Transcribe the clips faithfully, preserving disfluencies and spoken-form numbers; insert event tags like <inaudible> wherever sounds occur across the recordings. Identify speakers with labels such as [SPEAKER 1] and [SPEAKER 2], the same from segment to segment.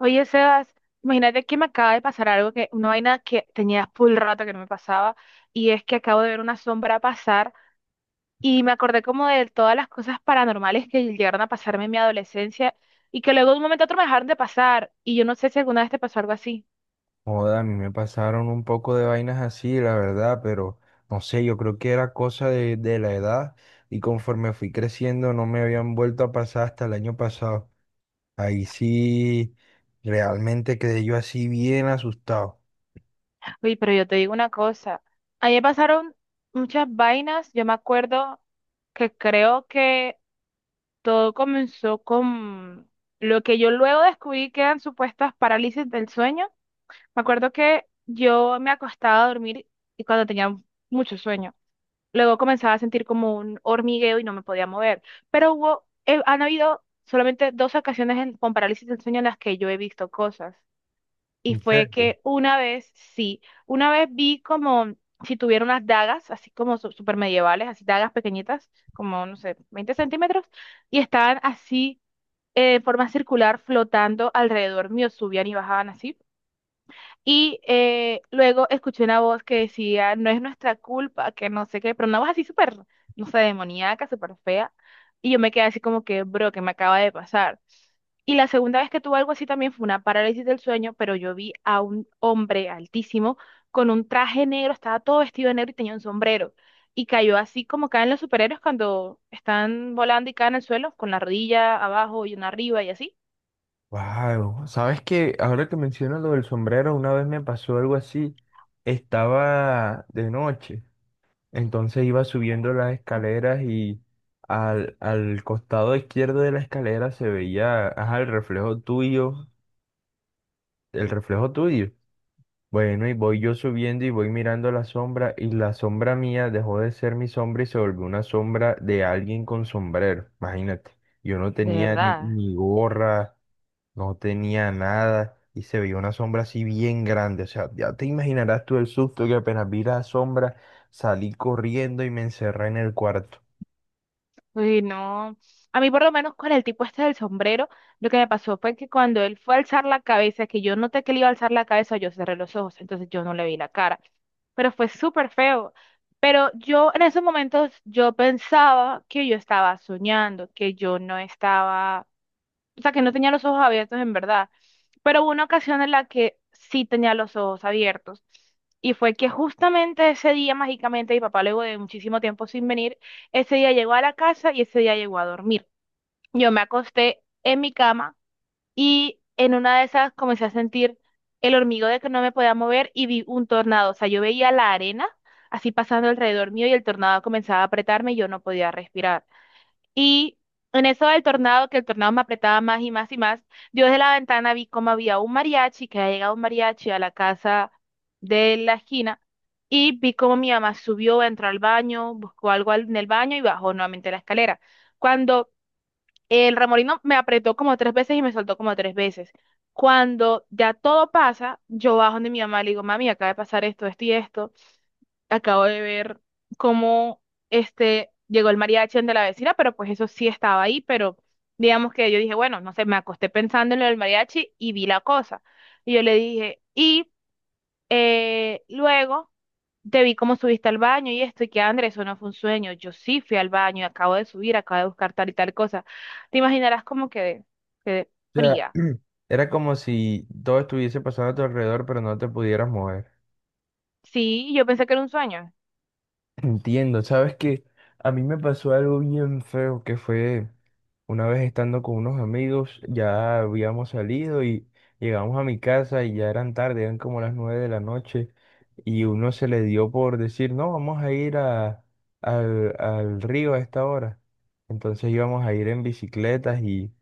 [SPEAKER 1] Oye, Sebas, imagínate que me acaba de pasar algo que una vaina que tenía full rato que no me pasaba, y es que acabo de ver una sombra pasar y me acordé como de todas las cosas paranormales que llegaron a pasarme en mi adolescencia y que luego de un momento a otro me dejaron de pasar, y yo no sé si alguna vez te pasó algo así.
[SPEAKER 2] Joda, a mí me pasaron un poco de vainas así, la verdad, pero no sé, yo creo que era cosa de, de la edad y conforme fui creciendo no me habían vuelto a pasar hasta el año pasado. Ahí sí, realmente quedé yo así bien asustado.
[SPEAKER 1] Oye, pero yo te digo una cosa, a mí me pasaron muchas vainas. Yo me acuerdo que creo que todo comenzó con lo que yo luego descubrí que eran supuestas parálisis del sueño. Me acuerdo que yo me acostaba a dormir y cuando tenía mucho sueño, luego comenzaba a sentir como un hormigueo y no me podía mover. Pero hubo, eh, han habido solamente dos ocasiones en- con parálisis del sueño en las que yo he visto cosas. Y
[SPEAKER 2] ¿En
[SPEAKER 1] fue
[SPEAKER 2] serio?
[SPEAKER 1] que una vez, sí, una vez vi como si tuviera unas dagas, así como su- super medievales, así dagas pequeñitas, como, no sé, veinte centímetros, y estaban así, eh, en forma circular flotando alrededor mío, subían y bajaban así. Y eh, luego escuché una voz que decía, no es nuestra culpa, que no sé qué, pero una voz así súper, no sé, demoníaca, súper fea. Y yo me quedé así como que, bro, ¿qué me acaba de pasar? Y la segunda vez que tuve algo así también fue una parálisis del sueño, pero yo vi a un hombre altísimo con un traje negro, estaba todo vestido de negro y tenía un sombrero. Y cayó así como caen los superhéroes cuando están volando y caen al suelo, con la rodilla abajo y una arriba y así.
[SPEAKER 2] Wow, sabes que ahora que mencionas lo del sombrero, una vez me pasó algo así. Estaba de noche. Entonces iba subiendo las escaleras y al, al costado izquierdo de la escalera se veía, ajá, el reflejo tuyo, el reflejo tuyo. Bueno, y voy yo subiendo y voy mirando la sombra y la sombra mía dejó de ser mi sombra y se volvió una sombra de alguien con sombrero. Imagínate, yo no
[SPEAKER 1] De
[SPEAKER 2] tenía ni,
[SPEAKER 1] verdad.
[SPEAKER 2] ni gorra, no tenía nada y se veía una sombra así bien grande. O sea, ya te imaginarás tú el susto que apenas vi la sombra salí corriendo y me encerré en el cuarto.
[SPEAKER 1] Uy, no. A mí por lo menos con el tipo este del sombrero, lo que me pasó fue que cuando él fue a alzar la cabeza, que yo noté que le iba a alzar la cabeza, yo cerré los ojos, entonces yo no le vi la cara, pero fue súper feo. Pero yo en esos momentos yo pensaba que yo estaba soñando, que yo no estaba, o sea, que no tenía los ojos abiertos en verdad. Pero hubo una ocasión en la que sí tenía los ojos abiertos. Y fue que justamente ese día, mágicamente, mi papá, luego de muchísimo tiempo sin venir, ese día llegó a la casa y ese día llegó a dormir. Yo me acosté en mi cama y en una de esas comencé a sentir el hormigueo de que no me podía mover y vi un tornado. O sea, yo veía la arena así pasando alrededor mío y el tornado comenzaba a apretarme y yo no podía respirar. Y en eso del tornado, que el tornado me apretaba más y más y más, yo desde la ventana vi cómo había un mariachi, que había llegado un mariachi a la casa de la esquina, y vi cómo mi mamá subió, entró al baño, buscó algo al- en el baño y bajó nuevamente la escalera. Cuando el remolino me apretó como tres veces y me soltó como tres veces. Cuando ya todo pasa, yo bajo donde mi mamá y le digo, mami, acaba de pasar esto, esto y esto, acabo de ver cómo este llegó el mariachi de la vecina, pero pues eso sí estaba ahí, pero digamos que yo dije, bueno, no sé, me acosté pensando en lo del mariachi y vi la cosa. Y yo le dije, y eh, luego te vi cómo subiste al baño y esto, y que Andrés, eso no fue un sueño, yo sí fui al baño, acabo de subir, acabo de buscar tal y tal cosa. Te imaginarás cómo quedé, quedé
[SPEAKER 2] O sea,
[SPEAKER 1] fría.
[SPEAKER 2] <clears throat> era como si todo estuviese pasando a tu alrededor, pero no te pudieras mover.
[SPEAKER 1] Sí, yo pensé que era un sueño,
[SPEAKER 2] <clears throat> Entiendo, sabes que a mí me pasó algo bien feo que fue una vez estando con unos amigos, ya habíamos salido y llegamos a mi casa y ya eran tarde, eran como las nueve de la noche y uno se le dio por decir, no, vamos a ir a, al, al río a esta hora. Entonces íbamos a ir en bicicletas. y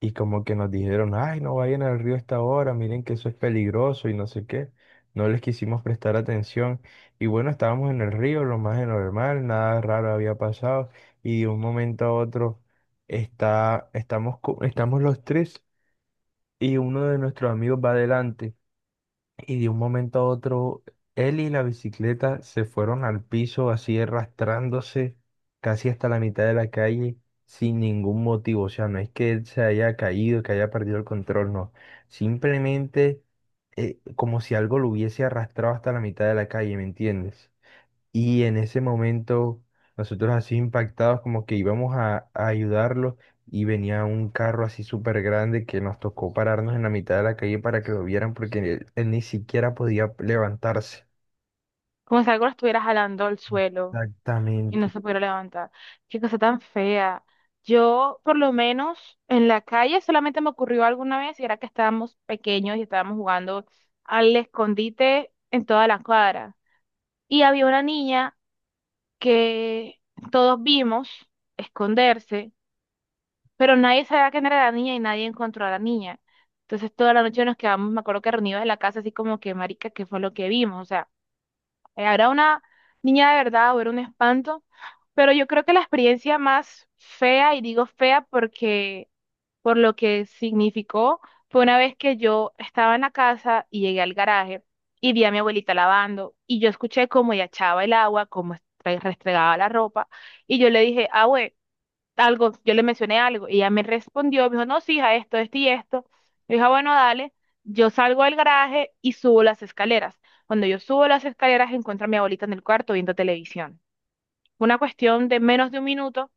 [SPEAKER 2] Y como que nos dijeron, ay, no vayan al río a esta hora, miren que eso es peligroso y no sé qué. No les quisimos prestar atención. Y bueno, estábamos en el río, lo más de normal, nada raro había pasado. Y de un momento a otro está, estamos, co- estamos los tres y uno de nuestros amigos va adelante y de un momento a otro él y la bicicleta se fueron al piso así arrastrándose casi hasta la mitad de la calle sin ningún motivo. O sea, no es que él se haya caído, que haya perdido el control, no. Simplemente eh, como si algo lo hubiese arrastrado hasta la mitad de la calle, ¿me entiendes? Y en ese momento, nosotros así impactados, como que íbamos a, a ayudarlos y venía un carro así súper grande que nos tocó pararnos en la mitad de la calle para que lo vieran porque él, él ni siquiera podía levantarse.
[SPEAKER 1] como si algo lo estuviera jalando al suelo. Y no
[SPEAKER 2] Exactamente.
[SPEAKER 1] se pudiera levantar. Qué cosa tan fea. Yo, por lo menos, en la calle solamente me ocurrió alguna vez y era que estábamos pequeños y estábamos jugando al escondite en toda la cuadra. Y había una niña que todos vimos esconderse, pero nadie sabía quién era la niña y nadie encontró a la niña. Entonces toda la noche nos quedamos, me acuerdo que reunidos en la casa, así como que, marica, ¿qué fue lo que vimos? O sea, eh, ¿era una niña de verdad o era un espanto? Pero yo creo que la experiencia más fea, y digo fea porque por lo que significó, fue una vez que yo estaba en la casa y llegué al garaje y vi a mi abuelita lavando y yo escuché cómo ella echaba el agua, cómo estre- restregaba la ropa, y yo le dije, abue, algo, yo le mencioné algo y ella me respondió, me dijo, no, sí, hija, esto, esto y esto. Yo dije, "Ah, bueno, dale", yo salgo del garaje y subo las escaleras. Cuando yo subo las escaleras, encuentro a mi abuelita en el cuarto viendo televisión. Fue una cuestión de menos de un minuto,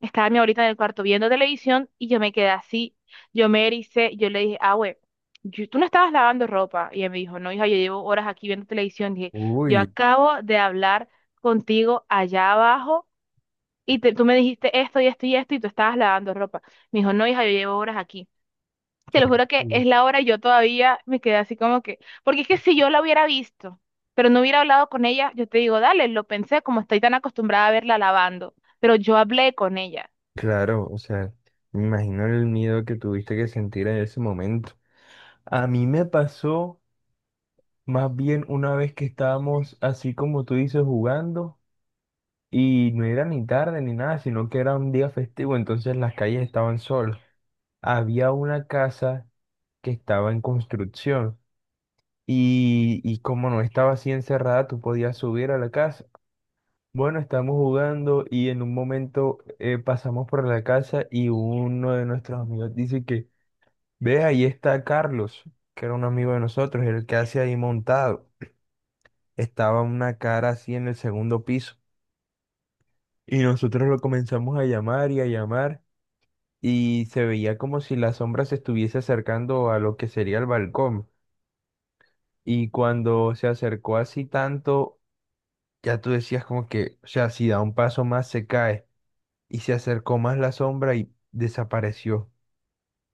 [SPEAKER 1] estaba mi abuelita en el cuarto viendo televisión y yo me quedé así, yo me ericé, yo le dije, ah, güey, yo- tú no estabas lavando ropa. Y ella me dijo, no, hija, yo llevo horas aquí viendo televisión. Dije, yo
[SPEAKER 2] Uy,
[SPEAKER 1] acabo de hablar contigo allá abajo y te- tú me dijiste esto y esto y esto y tú estabas lavando ropa. Me dijo, no, hija, yo llevo horas aquí. Te lo juro que
[SPEAKER 2] horrible.
[SPEAKER 1] es la hora y yo todavía me quedé así como que, porque es que si yo la hubiera visto, pero no hubiera hablado con ella, yo te digo, dale, lo pensé, como estoy tan acostumbrada a verla lavando, pero yo hablé con ella,
[SPEAKER 2] Claro, o sea, me imagino el miedo que tuviste que sentir en ese momento. A mí me pasó más bien una vez que estábamos así como tú dices jugando. Y no era ni tarde ni nada, sino que era un día festivo, entonces las calles estaban solas. Había una casa que estaba en construcción y, y como no estaba así encerrada, tú podías subir a la casa. Bueno, estábamos jugando y en un momento eh, pasamos por la casa y uno de nuestros amigos dice que, ve, ahí está Carlos, que era un amigo de nosotros, el que hace ahí montado. Estaba una cara así en el segundo piso y nosotros lo comenzamos a llamar y a llamar, y se veía como si la sombra se estuviese acercando a lo que sería el balcón. Y cuando se acercó así tanto, ya tú decías como que, o sea, si da un paso más se cae. Y se acercó más la sombra y desapareció.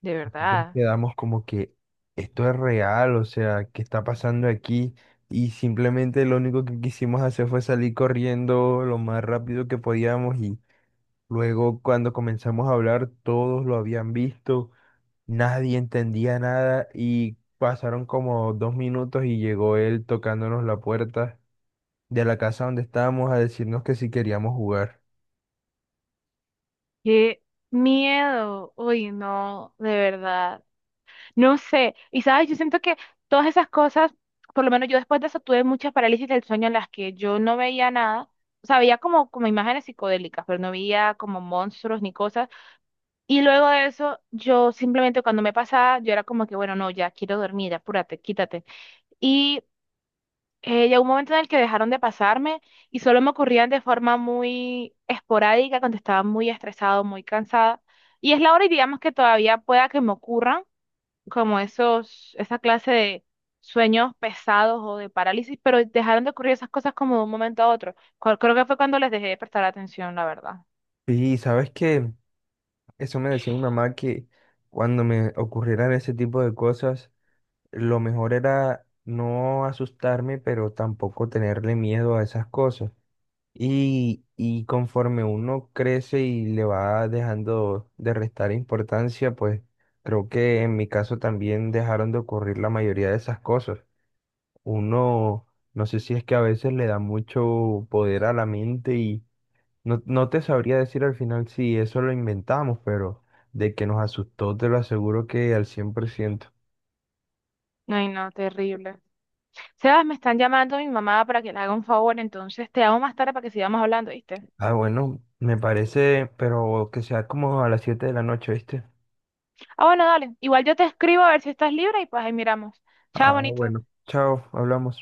[SPEAKER 1] de
[SPEAKER 2] Nosotros
[SPEAKER 1] verdad.
[SPEAKER 2] quedamos como que esto es real, o sea, ¿qué está pasando aquí? Y simplemente lo único que quisimos hacer fue salir corriendo lo más rápido que podíamos, y luego cuando comenzamos a hablar todos lo habían visto. Nadie entendía nada y pasaron como dos minutos y llegó él tocándonos la puerta de la casa donde estábamos a decirnos que si queríamos jugar.
[SPEAKER 1] Qué miedo, uy, no, de verdad. No sé, y sabes, yo siento que todas esas cosas, por lo menos yo después de eso tuve muchas parálisis del sueño en las que yo no veía nada, o sea, veía como, como imágenes psicodélicas, pero no veía como monstruos ni cosas. Y luego de eso, yo simplemente cuando me pasaba, yo era como que, bueno, no, ya quiero dormir, apúrate, quítate. Y eh, llegó un momento en el que dejaron de pasarme y solo me ocurrían de forma muy esporádica, cuando estaba muy estresado, muy cansada. Y es la hora y digamos que todavía pueda que me ocurran como esos, esa clase de sueños pesados o de parálisis, pero dejaron de ocurrir esas cosas como de un momento a otro. Cu- Creo que fue cuando les dejé de prestar atención, la verdad.
[SPEAKER 2] Y sabes que eso me decía mi mamá que cuando me ocurrieran ese tipo de cosas, lo mejor era no asustarme, pero tampoco tenerle miedo a esas cosas. Y, y conforme uno crece y le va dejando de restar importancia, pues creo que en mi caso también dejaron de ocurrir la mayoría de esas cosas. Uno, no sé si es que a veces le da mucho poder a la mente y no, no te sabría decir al final si eso lo inventamos, pero de que nos asustó, te lo aseguro que al cien por ciento.
[SPEAKER 1] Ay, no, terrible. Sebas, me están llamando mi mamá para que le haga un favor, entonces te llamo más tarde para que sigamos hablando, ¿viste?
[SPEAKER 2] Ah, bueno, me parece, pero que sea como a las siete de la noche, ¿viste?
[SPEAKER 1] Ah, bueno, dale. Igual yo te escribo a ver si estás libre y pues ahí miramos. Chao,
[SPEAKER 2] Ah,
[SPEAKER 1] bonito.
[SPEAKER 2] bueno, chao, hablamos.